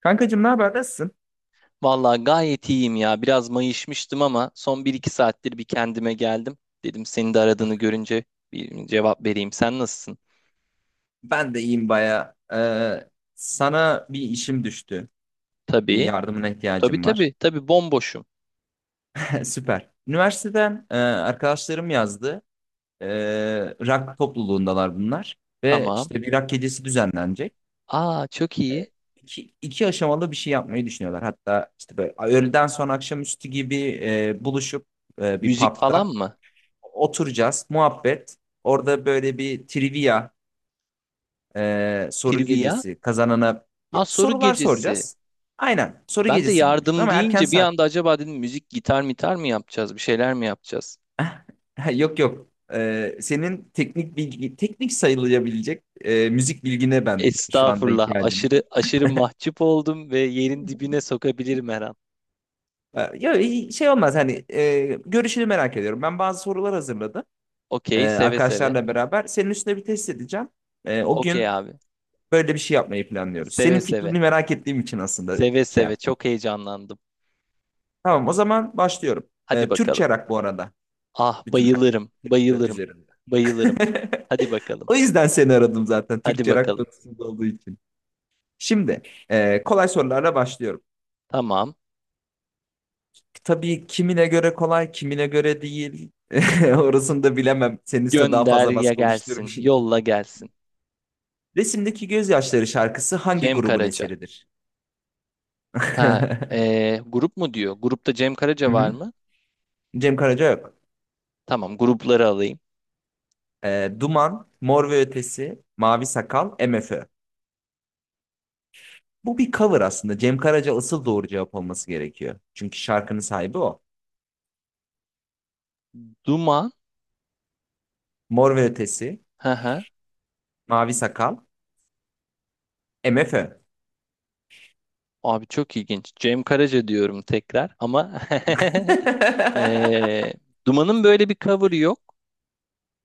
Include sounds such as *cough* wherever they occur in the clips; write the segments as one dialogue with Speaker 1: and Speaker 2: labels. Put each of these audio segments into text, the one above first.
Speaker 1: Kankacığım ne haber? Nasılsın?
Speaker 2: Vallahi gayet iyiyim ya. Biraz mayışmıştım ama son bir iki saattir bir kendime geldim. Dedim senin de aradığını görünce bir cevap vereyim. Sen nasılsın?
Speaker 1: Ben de iyiyim baya. Sana bir işim düştü. Bir
Speaker 2: Tabii.
Speaker 1: yardımına
Speaker 2: Tabii
Speaker 1: ihtiyacım var.
Speaker 2: tabii. Tabii bomboşum.
Speaker 1: *laughs* Süper. Üniversiteden arkadaşlarım yazdı. Rock topluluğundalar bunlar. Ve
Speaker 2: Tamam.
Speaker 1: işte bir rock gecesi düzenlenecek.
Speaker 2: Aa çok iyi.
Speaker 1: Ee, iki, iki aşamalı bir şey yapmayı düşünüyorlar. Hatta işte böyle öğleden sonra akşamüstü gibi buluşup bir
Speaker 2: Müzik falan
Speaker 1: pub'da
Speaker 2: mı?
Speaker 1: oturacağız. Muhabbet. Orada böyle bir trivia soru
Speaker 2: Trivia?
Speaker 1: gecesi kazanana
Speaker 2: Aa
Speaker 1: ya,
Speaker 2: soru
Speaker 1: sorular
Speaker 2: gecesi.
Speaker 1: soracağız. Aynen soru
Speaker 2: Ben de
Speaker 1: gecesi gibi düşün
Speaker 2: yardım
Speaker 1: ama erken
Speaker 2: deyince bir anda
Speaker 1: saatte.
Speaker 2: acaba dedim müzik gitar mitar mı yapacağız? Bir şeyler mi yapacağız?
Speaker 1: *laughs* Yok yok. Senin teknik bilgi teknik sayılabilecek müzik bilgine ben şu anda
Speaker 2: Estağfurullah.
Speaker 1: ihtiyacım
Speaker 2: Aşırı
Speaker 1: var.
Speaker 2: aşırı mahcup oldum ve yerin dibine sokabilirim her an.
Speaker 1: Ya şey olmaz hani görüşünü merak ediyorum. Ben bazı sorular hazırladım
Speaker 2: Okey, seve seve.
Speaker 1: arkadaşlarla beraber. Senin üstüne bir test edeceğim. O
Speaker 2: Okey
Speaker 1: gün
Speaker 2: abi.
Speaker 1: böyle bir şey yapmayı planlıyoruz.
Speaker 2: Seve
Speaker 1: Senin
Speaker 2: seve.
Speaker 1: fikrini merak ettiğim için aslında
Speaker 2: Seve
Speaker 1: şey
Speaker 2: seve
Speaker 1: yaptım.
Speaker 2: çok heyecanlandım.
Speaker 1: Tamam o zaman başlıyorum.
Speaker 2: Hadi bakalım.
Speaker 1: Türkçe rock bu arada.
Speaker 2: Ah
Speaker 1: Bütün her şey.
Speaker 2: bayılırım,
Speaker 1: Türkçe rock
Speaker 2: bayılırım,
Speaker 1: üzerinde.
Speaker 2: bayılırım.
Speaker 1: *laughs*
Speaker 2: Hadi bakalım,
Speaker 1: O yüzden seni aradım zaten.
Speaker 2: hadi
Speaker 1: Türkçe rock
Speaker 2: bakalım.
Speaker 1: konusunda olduğu için. Şimdi kolay sorularla başlıyorum.
Speaker 2: Tamam.
Speaker 1: Tabii kimine göre kolay, kimine göre değil. *laughs* Orasını da bilemem. Senin üstüne daha
Speaker 2: Gönder
Speaker 1: fazla
Speaker 2: ya
Speaker 1: baskı
Speaker 2: gelsin,
Speaker 1: oluşturmayayım.
Speaker 2: yolla gelsin.
Speaker 1: Resimdeki Gözyaşları şarkısı hangi
Speaker 2: Cem
Speaker 1: grubun
Speaker 2: Karaca.
Speaker 1: eseridir? *laughs*
Speaker 2: Ha,
Speaker 1: Hı
Speaker 2: grup mu diyor? Grupta Cem Karaca var
Speaker 1: hı.
Speaker 2: mı?
Speaker 1: Cem Karaca yok.
Speaker 2: Tamam, grupları alayım.
Speaker 1: Duman, Mor ve Ötesi, Mavi Sakal, MFÖ. Bu bir cover aslında. Cem Karaca asıl doğru cevap olması gerekiyor. Çünkü şarkının sahibi o.
Speaker 2: Duman.
Speaker 1: Mor ve Ötesi,
Speaker 2: Hı hı.
Speaker 1: Mavi Sakal, MFÖ.
Speaker 2: Abi çok ilginç. Cem Karaca diyorum tekrar ama *laughs*
Speaker 1: *laughs*
Speaker 2: ee, Duman'ın böyle bir cover'ı yok.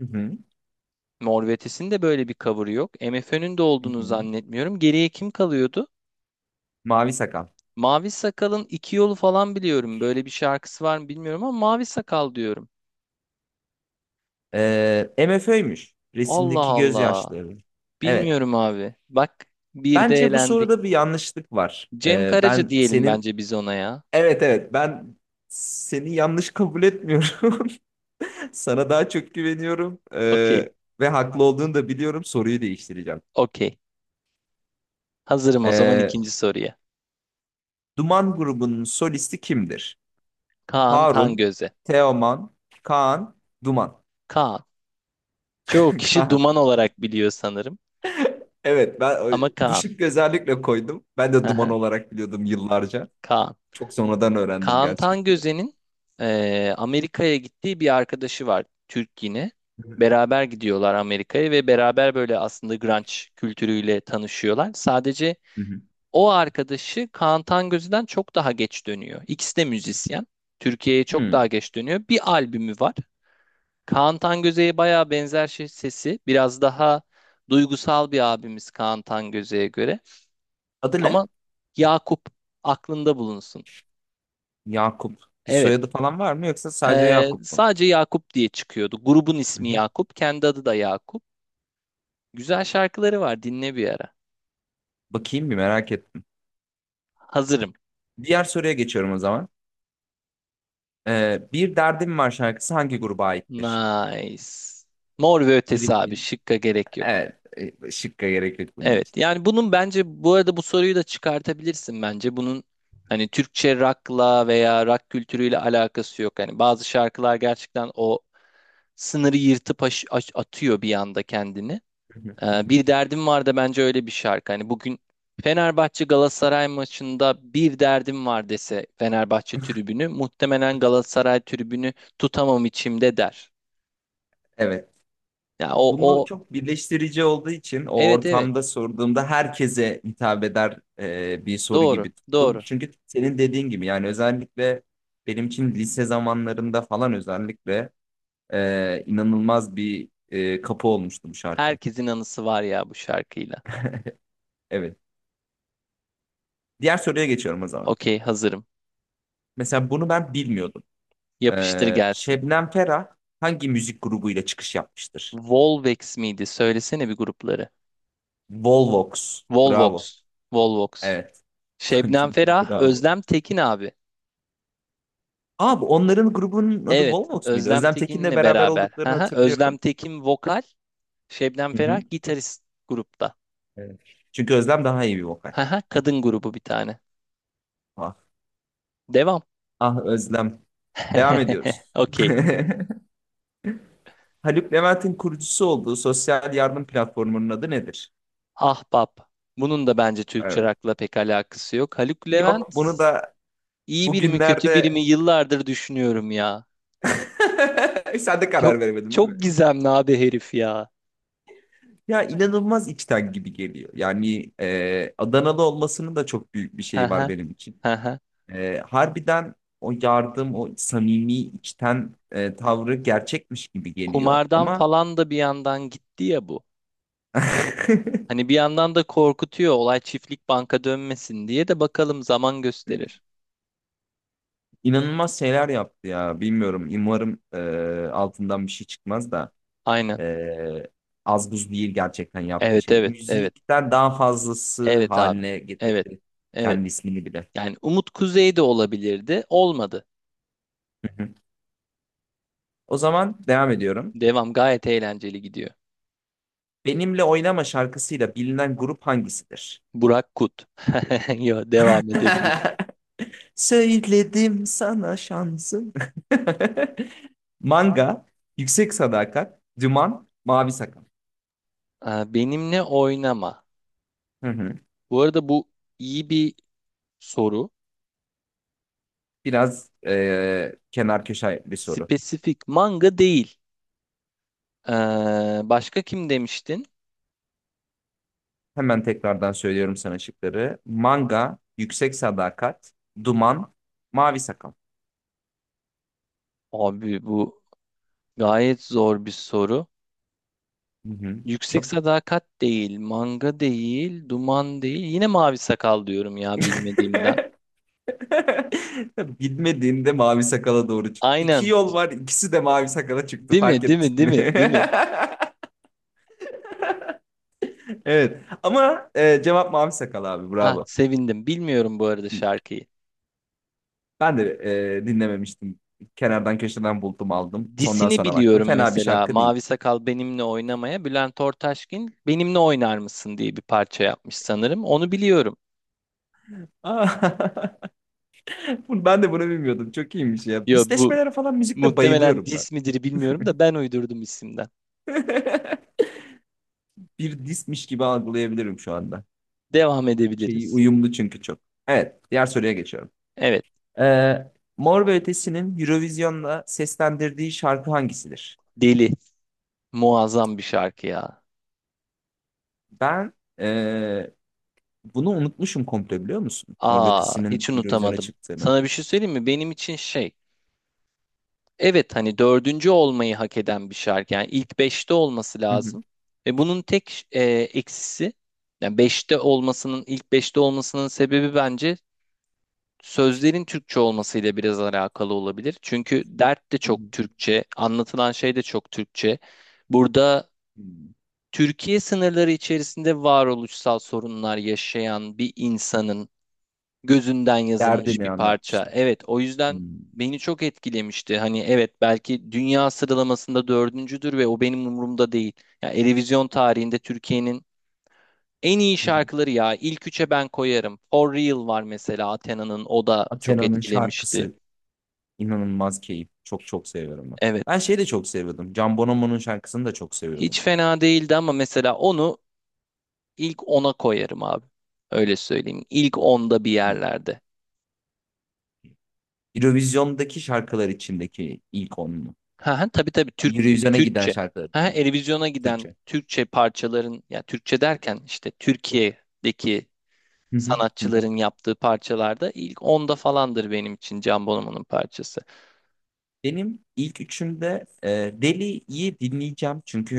Speaker 1: Hı hı,
Speaker 2: Mor ve Ötesi'nin de böyle bir cover'ı yok. MFÖ'nün de
Speaker 1: hı
Speaker 2: olduğunu
Speaker 1: hı.
Speaker 2: zannetmiyorum. Geriye kim kalıyordu?
Speaker 1: Mavi Sakal.
Speaker 2: Mavi Sakal'ın iki yolu falan biliyorum. Böyle bir şarkısı var mı bilmiyorum ama Mavi Sakal diyorum.
Speaker 1: MFÖ'ymüş.
Speaker 2: Allah
Speaker 1: Resimdeki
Speaker 2: Allah.
Speaker 1: gözyaşları. Evet.
Speaker 2: Bilmiyorum abi. Bak, bir de
Speaker 1: Bence bu
Speaker 2: eğlendik.
Speaker 1: soruda bir yanlışlık var.
Speaker 2: Cem Karaca
Speaker 1: Ben
Speaker 2: diyelim
Speaker 1: senin...
Speaker 2: bence biz ona ya.
Speaker 1: Evet evet ben seni yanlış kabul etmiyorum. *laughs* Sana daha çok güveniyorum.
Speaker 2: Okey.
Speaker 1: Ve haklı olduğunu da biliyorum. Soruyu değiştireceğim.
Speaker 2: Okey. Hazırım o zaman
Speaker 1: Ee,
Speaker 2: ikinci soruya.
Speaker 1: Duman grubunun solisti kimdir?
Speaker 2: Kaan
Speaker 1: Harun,
Speaker 2: Tangöze.
Speaker 1: Teoman, Kaan, Duman.
Speaker 2: Kaan. Çoğu kişi
Speaker 1: Kaan.
Speaker 2: Duman olarak biliyor sanırım.
Speaker 1: Evet ben
Speaker 2: Ama
Speaker 1: bu
Speaker 2: Kaan.
Speaker 1: şıkkı özellikle koydum. Ben de duman
Speaker 2: Aha,
Speaker 1: olarak biliyordum yıllarca.
Speaker 2: Kaan.
Speaker 1: Çok sonradan öğrendim
Speaker 2: Kaan
Speaker 1: gerçekten.
Speaker 2: Tangöze'nin Amerika'ya gittiği bir arkadaşı var. Türk yine. Beraber gidiyorlar Amerika'ya ve beraber böyle aslında grunge kültürüyle tanışıyorlar. Sadece
Speaker 1: Hı hı.
Speaker 2: o arkadaşı Kaan Tangöze'den çok daha geç dönüyor. İkisi de müzisyen. Türkiye'ye çok daha
Speaker 1: Hmm.
Speaker 2: geç dönüyor. Bir albümü var. Kaan Tangöze'ye bayağı benzer şey, sesi. Biraz daha duygusal bir abimiz Kaan Tangöze'ye göre.
Speaker 1: Adı
Speaker 2: Ama
Speaker 1: ne?
Speaker 2: Yakup aklında bulunsun.
Speaker 1: Yakup. Bir
Speaker 2: Evet.
Speaker 1: soyadı falan var mı yoksa sadece Yakup mu?
Speaker 2: Sadece Yakup diye çıkıyordu. Grubun
Speaker 1: Hı
Speaker 2: ismi
Speaker 1: hı.
Speaker 2: Yakup. Kendi adı da Yakup. Güzel şarkıları var. Dinle bir ara.
Speaker 1: Bakayım bir merak ettim.
Speaker 2: Hazırım.
Speaker 1: Diğer soruya geçiyorum o zaman. Bir Derdim Var şarkısı hangi gruba aittir?
Speaker 2: Nice. Mor ve Ötesi abi.
Speaker 1: Gripin.
Speaker 2: Şıkka gerek yok.
Speaker 1: Evet. Şıkka gerek yok bunun için.
Speaker 2: Evet. Yani bunun bence bu arada bu soruyu da çıkartabilirsin bence. Bunun hani Türkçe rock'la veya rock kültürüyle alakası yok. Hani bazı şarkılar gerçekten o sınırı yırtıp atıyor bir anda kendini. Bir
Speaker 1: *laughs*
Speaker 2: derdim var da bence öyle bir şarkı. Hani bugün Fenerbahçe Galatasaray maçında bir derdim var dese Fenerbahçe tribünü muhtemelen Galatasaray tribünü tutamam içimde der.
Speaker 1: Evet.
Speaker 2: Ya o
Speaker 1: Bunu
Speaker 2: o
Speaker 1: çok birleştirici olduğu için o
Speaker 2: evet evet,
Speaker 1: ortamda sorduğumda herkese hitap eder bir soru
Speaker 2: doğru
Speaker 1: gibi tuttum.
Speaker 2: doğru.
Speaker 1: Çünkü senin dediğin gibi yani özellikle benim için lise zamanlarında falan özellikle inanılmaz bir kapı olmuştu bu şarkı.
Speaker 2: Herkesin anısı var ya bu şarkıyla.
Speaker 1: Evet. Diğer soruya geçiyorum o zaman.
Speaker 2: Okey, hazırım.
Speaker 1: Mesela bunu ben bilmiyordum.
Speaker 2: Yapıştır gelsin.
Speaker 1: Şebnem Ferah hangi müzik grubuyla çıkış yapmıştır?
Speaker 2: Volvox miydi? Söylesene bir grupları.
Speaker 1: Volvox. Bravo.
Speaker 2: Volvox. Volvox.
Speaker 1: Evet. *laughs*
Speaker 2: Şebnem Ferah,
Speaker 1: Bravo.
Speaker 2: Özlem Tekin abi.
Speaker 1: Abi onların grubunun adı
Speaker 2: Evet,
Speaker 1: Volvox muydu?
Speaker 2: Özlem
Speaker 1: Özlem Tekin'le
Speaker 2: Tekin'le
Speaker 1: beraber
Speaker 2: beraber.
Speaker 1: olduklarını
Speaker 2: Haha,
Speaker 1: hatırlıyorum.
Speaker 2: Özlem Tekin vokal, Şebnem
Speaker 1: Hı
Speaker 2: Ferah
Speaker 1: hı.
Speaker 2: gitarist grupta.
Speaker 1: Evet. Çünkü Özlem daha iyi bir vokal.
Speaker 2: Haha, kadın grubu bir tane.
Speaker 1: Ah,
Speaker 2: Devam.
Speaker 1: ah Özlem. Devam
Speaker 2: *laughs*
Speaker 1: ediyoruz. *laughs*
Speaker 2: Okey.
Speaker 1: Haluk Levent'in kurucusu olduğu sosyal yardım platformunun adı nedir?
Speaker 2: Ahbap. Bunun da bence Türkçe
Speaker 1: Evet.
Speaker 2: rock'la pek alakası yok. Haluk Levent
Speaker 1: Yok bunu da
Speaker 2: iyi biri mi kötü biri mi
Speaker 1: bugünlerde
Speaker 2: yıllardır düşünüyorum ya.
Speaker 1: *laughs* sen de
Speaker 2: Çok
Speaker 1: karar veremedin değil
Speaker 2: çok
Speaker 1: mi?
Speaker 2: gizemli abi herif ya.
Speaker 1: Ya inanılmaz içten gibi geliyor. Yani Adanalı olmasının da çok büyük bir şeyi var
Speaker 2: Haha,
Speaker 1: benim için.
Speaker 2: haha.
Speaker 1: Harbiden o yardım, o samimi içten tavrı gerçekmiş gibi geliyor.
Speaker 2: Kumardan
Speaker 1: Ama
Speaker 2: falan da bir yandan gitti ya bu.
Speaker 1: *laughs*
Speaker 2: Hani bir yandan da korkutuyor olay çiftlik banka dönmesin diye de bakalım zaman gösterir.
Speaker 1: inanılmaz şeyler yaptı ya. Bilmiyorum. Umarım altından bir şey çıkmaz da
Speaker 2: Aynen.
Speaker 1: e, az buz değil gerçekten yaptığı
Speaker 2: Evet
Speaker 1: şey.
Speaker 2: evet evet.
Speaker 1: Müzikten daha fazlası
Speaker 2: Evet abi.
Speaker 1: haline
Speaker 2: Evet.
Speaker 1: getirdi
Speaker 2: Evet.
Speaker 1: kendi ismini bile.
Speaker 2: Yani Umut Kuzey de olabilirdi. Olmadı.
Speaker 1: Hı hı. O zaman devam ediyorum.
Speaker 2: Devam gayet eğlenceli gidiyor.
Speaker 1: Benimle Oynama şarkısıyla bilinen grup hangisidir?
Speaker 2: Burak Kut. *laughs* Yo, devam edebiliriz.
Speaker 1: *laughs* Söyledim sana şansım. *laughs* Manga, Yüksek Sadakat, Duman, Mavi Sakal.
Speaker 2: Aa, benimle oynama.
Speaker 1: Hı hı.
Speaker 2: Bu arada bu iyi bir soru.
Speaker 1: Biraz kenar köşe bir soru.
Speaker 2: Spesifik manga değil. Ee, başka kim demiştin?
Speaker 1: Hemen tekrardan söylüyorum sana şıkları. Manga, Yüksek Sadakat, Duman, Mavi Sakal.
Speaker 2: Abi bu gayet zor bir soru.
Speaker 1: Hı hı.
Speaker 2: Yüksek
Speaker 1: Çok.
Speaker 2: Sadakat değil, manga değil, duman değil. Yine mavi sakal diyorum ya bilmediğimden.
Speaker 1: *laughs* Bilmediğinde mavi sakala doğru çıktı. İki
Speaker 2: Aynen.
Speaker 1: yol var, ikisi de mavi sakala çıktı.
Speaker 2: Değil
Speaker 1: Fark
Speaker 2: mi? Değil
Speaker 1: ettin
Speaker 2: mi? Değil
Speaker 1: mi?
Speaker 2: mi? Değil mi?
Speaker 1: *laughs* Evet. Ama cevap mavi sakal abi.
Speaker 2: Ah
Speaker 1: Bravo.
Speaker 2: sevindim. Bilmiyorum bu arada şarkıyı.
Speaker 1: Ben de dinlememiştim. Kenardan köşeden buldum aldım. Sondan
Speaker 2: Disini
Speaker 1: sonra baktım.
Speaker 2: biliyorum
Speaker 1: Fena bir
Speaker 2: mesela.
Speaker 1: şarkı değil.
Speaker 2: Mavi Sakal benimle oynamaya. Bülent Ortaçgil benimle oynar mısın diye bir parça yapmış sanırım. Onu biliyorum.
Speaker 1: Aa, *laughs* ben de bunu bilmiyordum. Çok iyiymiş ya.
Speaker 2: Ya bu
Speaker 1: Disleşmelere falan müzikte
Speaker 2: muhtemelen
Speaker 1: bayılıyorum ben.
Speaker 2: dis midir bilmiyorum da ben uydurdum isimden.
Speaker 1: *laughs* Bir dismiş gibi algılayabilirim şu anda.
Speaker 2: Devam
Speaker 1: Şeyi
Speaker 2: edebiliriz.
Speaker 1: uyumlu çünkü çok. Evet, diğer soruya geçiyorum.
Speaker 2: Evet.
Speaker 1: Mor ve Ötesi'nin Eurovision'da seslendirdiği şarkı hangisidir?
Speaker 2: Deli. Muazzam bir şarkı ya.
Speaker 1: Ben e, bunu unutmuşum komple biliyor musun? Mor ve
Speaker 2: Aa hiç
Speaker 1: Ötesi'nin Eurovision'a
Speaker 2: unutamadım.
Speaker 1: çıktığını.
Speaker 2: Sana bir şey söyleyeyim mi? Benim için şey. Evet hani dördüncü olmayı hak eden bir şarkı. Yani ilk beşte olması
Speaker 1: Hı hı.
Speaker 2: lazım. Ve bunun tek eksisi yani beşte olmasının ilk beşte olmasının sebebi bence sözlerin Türkçe olmasıyla biraz alakalı olabilir. Çünkü dert de
Speaker 1: Hı hı.
Speaker 2: çok Türkçe, anlatılan şey de çok Türkçe. Burada
Speaker 1: Hı.
Speaker 2: Türkiye sınırları içerisinde varoluşsal sorunlar yaşayan bir insanın gözünden yazılmış
Speaker 1: Derdini
Speaker 2: bir parça.
Speaker 1: anlatmışlar.
Speaker 2: Evet, o yüzden
Speaker 1: Hmm.
Speaker 2: beni çok etkilemişti. Hani evet belki dünya sıralamasında dördüncüdür ve o benim umurumda değil. Ya Eurovision tarihinde Türkiye'nin en iyi
Speaker 1: Hı hı.
Speaker 2: şarkıları ya ilk üçe ben koyarım. For Real var mesela Athena'nın, o da çok
Speaker 1: Athena'nın
Speaker 2: etkilemişti.
Speaker 1: şarkısı inanılmaz keyif. Çok çok seviyorum ben. Ben
Speaker 2: Evet.
Speaker 1: şeyi de çok seviyordum. Can Bonomo'nun şarkısını da çok seviyordum.
Speaker 2: Hiç fena değildi ama mesela onu ilk ona koyarım abi. Öyle söyleyeyim. İlk onda bir
Speaker 1: Hmm.
Speaker 2: yerlerde.
Speaker 1: Eurovision'daki şarkılar içindeki ilk onlu.
Speaker 2: Ha, ha, tabii tabii Türk
Speaker 1: Yani Eurovision'a giden
Speaker 2: Türkçe.
Speaker 1: şarkılar
Speaker 2: Ha, ha,
Speaker 1: içinde.
Speaker 2: Eurovision'a giden
Speaker 1: Türkçe.
Speaker 2: Türkçe parçaların ya Türkçe derken işte Türkiye'deki
Speaker 1: Hı hı, hı hı.
Speaker 2: sanatçıların yaptığı parçalarda ilk onda falandır benim için Can Bonomo'nun parçası.
Speaker 1: Benim ilk üçümde Deli'yi dinleyeceğim. Çünkü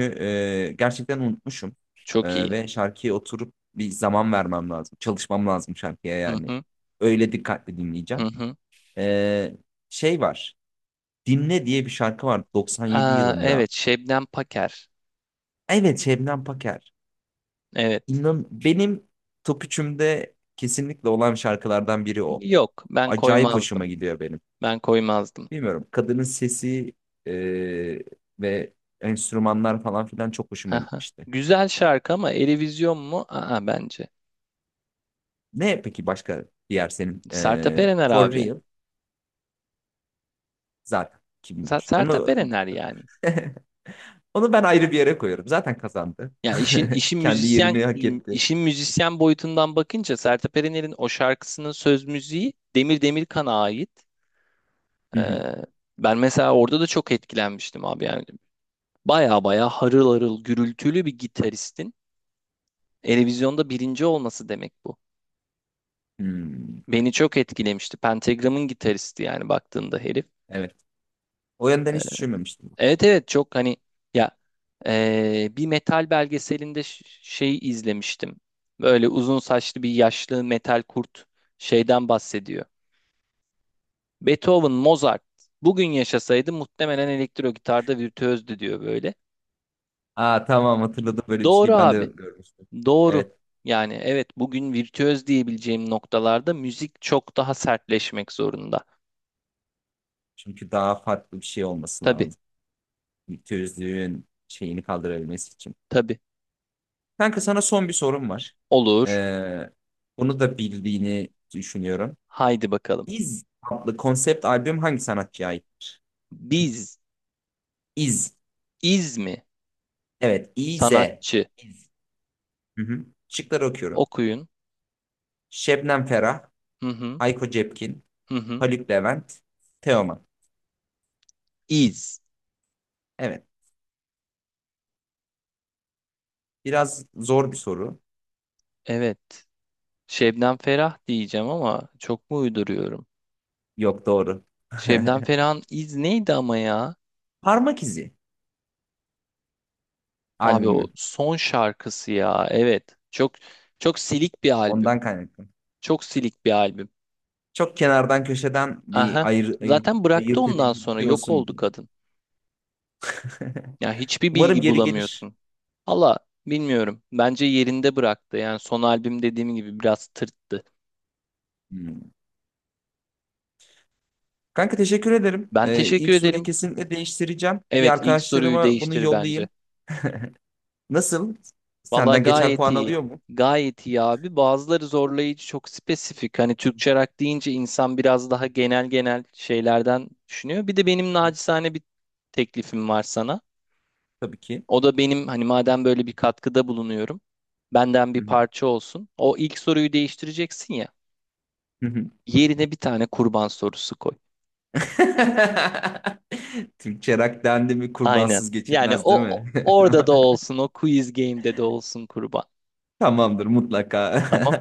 Speaker 1: gerçekten unutmuşum.
Speaker 2: Çok iyi.
Speaker 1: Ve şarkıya oturup bir zaman vermem lazım. Çalışmam lazım şarkıya
Speaker 2: Hı
Speaker 1: yani.
Speaker 2: hı,
Speaker 1: Öyle dikkatli
Speaker 2: hı
Speaker 1: dinleyeceğim.
Speaker 2: hı.
Speaker 1: Ee, Şey var. Dinle diye bir şarkı var 97
Speaker 2: Aa,
Speaker 1: yılında.
Speaker 2: evet Şebnem Paker.
Speaker 1: Evet Şebnem Paker.
Speaker 2: Evet.
Speaker 1: İnan benim top üçümde kesinlikle olan şarkılardan biri o.
Speaker 2: Yok ben
Speaker 1: Acayip hoşuma
Speaker 2: koymazdım.
Speaker 1: gidiyor benim.
Speaker 2: Ben koymazdım.
Speaker 1: Bilmiyorum kadının sesi e, ve enstrümanlar falan filan çok hoşuma
Speaker 2: Ha, ha.
Speaker 1: gitmişti.
Speaker 2: Güzel şarkı ama Eurovision mu? Aa, bence.
Speaker 1: Ne peki başka diğer senin
Speaker 2: Sertab Erener
Speaker 1: For
Speaker 2: abi.
Speaker 1: Real zaten kimmiş?
Speaker 2: Sertab
Speaker 1: Onu.
Speaker 2: Erener yani.
Speaker 1: *laughs* Onu ben ayrı bir yere koyuyorum. Zaten kazandı.
Speaker 2: Yani işin
Speaker 1: *laughs*
Speaker 2: işin
Speaker 1: Kendi
Speaker 2: müzisyen
Speaker 1: yerini hak etti.
Speaker 2: işin müzisyen boyutundan bakınca Sertab Erener'in o şarkısının söz müziği Demir Demirkan'a ait.
Speaker 1: Hı hı.
Speaker 2: Ee, ben mesela orada da çok etkilenmiştim abi yani baya baya harıl harıl gürültülü bir gitaristin Eurovision'da birinci olması demek bu.
Speaker 1: Hmm.
Speaker 2: Beni çok etkilemişti. Pentagram'ın gitaristi yani baktığında herif.
Speaker 1: Evet. O yönden
Speaker 2: Ee,
Speaker 1: hiç düşünmemiştim.
Speaker 2: Evet evet çok hani ya bir metal belgeselinde şey izlemiştim. Böyle uzun saçlı bir yaşlı metal kurt şeyden bahsediyor. Beethoven, Mozart bugün yaşasaydı muhtemelen elektro gitarda virtüözdü diyor böyle.
Speaker 1: Aa tamam hatırladım böyle bir
Speaker 2: Doğru
Speaker 1: şeyi ben de
Speaker 2: abi.
Speaker 1: görmüştüm.
Speaker 2: Doğru.
Speaker 1: Evet.
Speaker 2: Yani evet bugün virtüöz diyebileceğim noktalarda müzik çok daha sertleşmek zorunda.
Speaker 1: Çünkü daha farklı bir şey olması
Speaker 2: Tabii
Speaker 1: lazım. Tözlüğün şeyini kaldırabilmesi için.
Speaker 2: tabii
Speaker 1: Kanka sana son bir sorum var.
Speaker 2: olur.
Speaker 1: Ee, Bunu da bildiğini düşünüyorum.
Speaker 2: Haydi bakalım.
Speaker 1: İz adlı konsept albüm hangi sanatçıya aittir?
Speaker 2: Biz
Speaker 1: İz.
Speaker 2: iz
Speaker 1: Evet. İz.
Speaker 2: sanatçı
Speaker 1: İz. Hı hı. Şıkları okuyorum.
Speaker 2: okuyun.
Speaker 1: Şebnem Ferah,
Speaker 2: Hı hı.
Speaker 1: Hayko Cepkin,
Speaker 2: Hı hı.
Speaker 1: Haluk Levent, Teoman.
Speaker 2: Is.
Speaker 1: Evet. Biraz zor bir soru.
Speaker 2: Evet. Şebnem Ferah diyeceğim ama çok mu uyduruyorum?
Speaker 1: Yok doğru.
Speaker 2: Şebnem
Speaker 1: *laughs*
Speaker 2: Ferah'ın iz neydi ama ya?
Speaker 1: Parmak izi
Speaker 2: Abi o
Speaker 1: albümü.
Speaker 2: son şarkısı ya. Evet. Çok silik bir albüm.
Speaker 1: Ondan kaynaklı.
Speaker 2: Çok silik bir albüm.
Speaker 1: Çok kenardan köşeden bir
Speaker 2: Aha. Zaten bıraktı
Speaker 1: ayırt
Speaker 2: ondan
Speaker 1: edici bir
Speaker 2: sonra
Speaker 1: şey
Speaker 2: yok
Speaker 1: olsun
Speaker 2: oldu
Speaker 1: diye.
Speaker 2: kadın.
Speaker 1: *laughs*
Speaker 2: Ya hiçbir
Speaker 1: Umarım
Speaker 2: bilgi
Speaker 1: geri gelir.
Speaker 2: bulamıyorsun. Allah bilmiyorum. Bence yerinde bıraktı. Yani son albüm dediğim gibi biraz tırttı.
Speaker 1: Hmm. Kanka teşekkür ederim.
Speaker 2: Ben teşekkür
Speaker 1: İlk soruyu
Speaker 2: ederim.
Speaker 1: kesinlikle değiştireceğim. Bir
Speaker 2: Evet ilk soruyu
Speaker 1: arkadaşlarıma bunu
Speaker 2: değiştir bence.
Speaker 1: yollayayım. Nasıl?
Speaker 2: Valla
Speaker 1: Senden geçer
Speaker 2: gayet
Speaker 1: puan
Speaker 2: iyi.
Speaker 1: alıyor mu?
Speaker 2: Gayet iyi abi. Bazıları zorlayıcı, çok
Speaker 1: *laughs*
Speaker 2: spesifik. Hani
Speaker 1: Hı
Speaker 2: Türkçe rock deyince insan biraz daha genel genel şeylerden düşünüyor. Bir de benim
Speaker 1: hı.
Speaker 2: nacizane bir teklifim var sana.
Speaker 1: Tabii ki.
Speaker 2: O da benim hani madem böyle bir katkıda bulunuyorum, benden
Speaker 1: *laughs*
Speaker 2: bir
Speaker 1: Hı hı.
Speaker 2: parça olsun. O ilk soruyu değiştireceksin ya.
Speaker 1: Hı hı.
Speaker 2: Yerine bir tane kurban sorusu koy.
Speaker 1: *laughs* Türkçe rock dendi mi
Speaker 2: Aynen.
Speaker 1: kurbansız
Speaker 2: Yani
Speaker 1: geçilmez değil mi? *laughs*
Speaker 2: orada da olsun, o quiz game'de de olsun kurban.
Speaker 1: Tamamdır mutlaka.
Speaker 2: Tamam?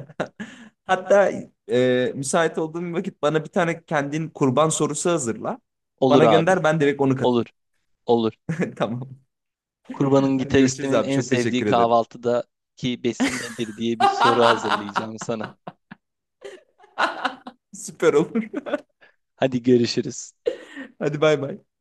Speaker 1: *laughs* Hatta müsait olduğum bir vakit bana bir tane kendin kurban sorusu hazırla.
Speaker 2: Olur
Speaker 1: Bana
Speaker 2: abi.
Speaker 1: gönder ben direkt onu
Speaker 2: Olur.
Speaker 1: katayım.
Speaker 2: Olur.
Speaker 1: *laughs* Tamam.
Speaker 2: Kurban'ın
Speaker 1: Hadi görüşürüz
Speaker 2: gitaristinin
Speaker 1: abi.
Speaker 2: en
Speaker 1: Çok
Speaker 2: sevdiği
Speaker 1: teşekkür ederim.
Speaker 2: kahvaltıdaki besin nedir diye bir soru
Speaker 1: *laughs*
Speaker 2: hazırlayacağım sana.
Speaker 1: Süper olur.
Speaker 2: Hadi görüşürüz.
Speaker 1: Hadi bay bay.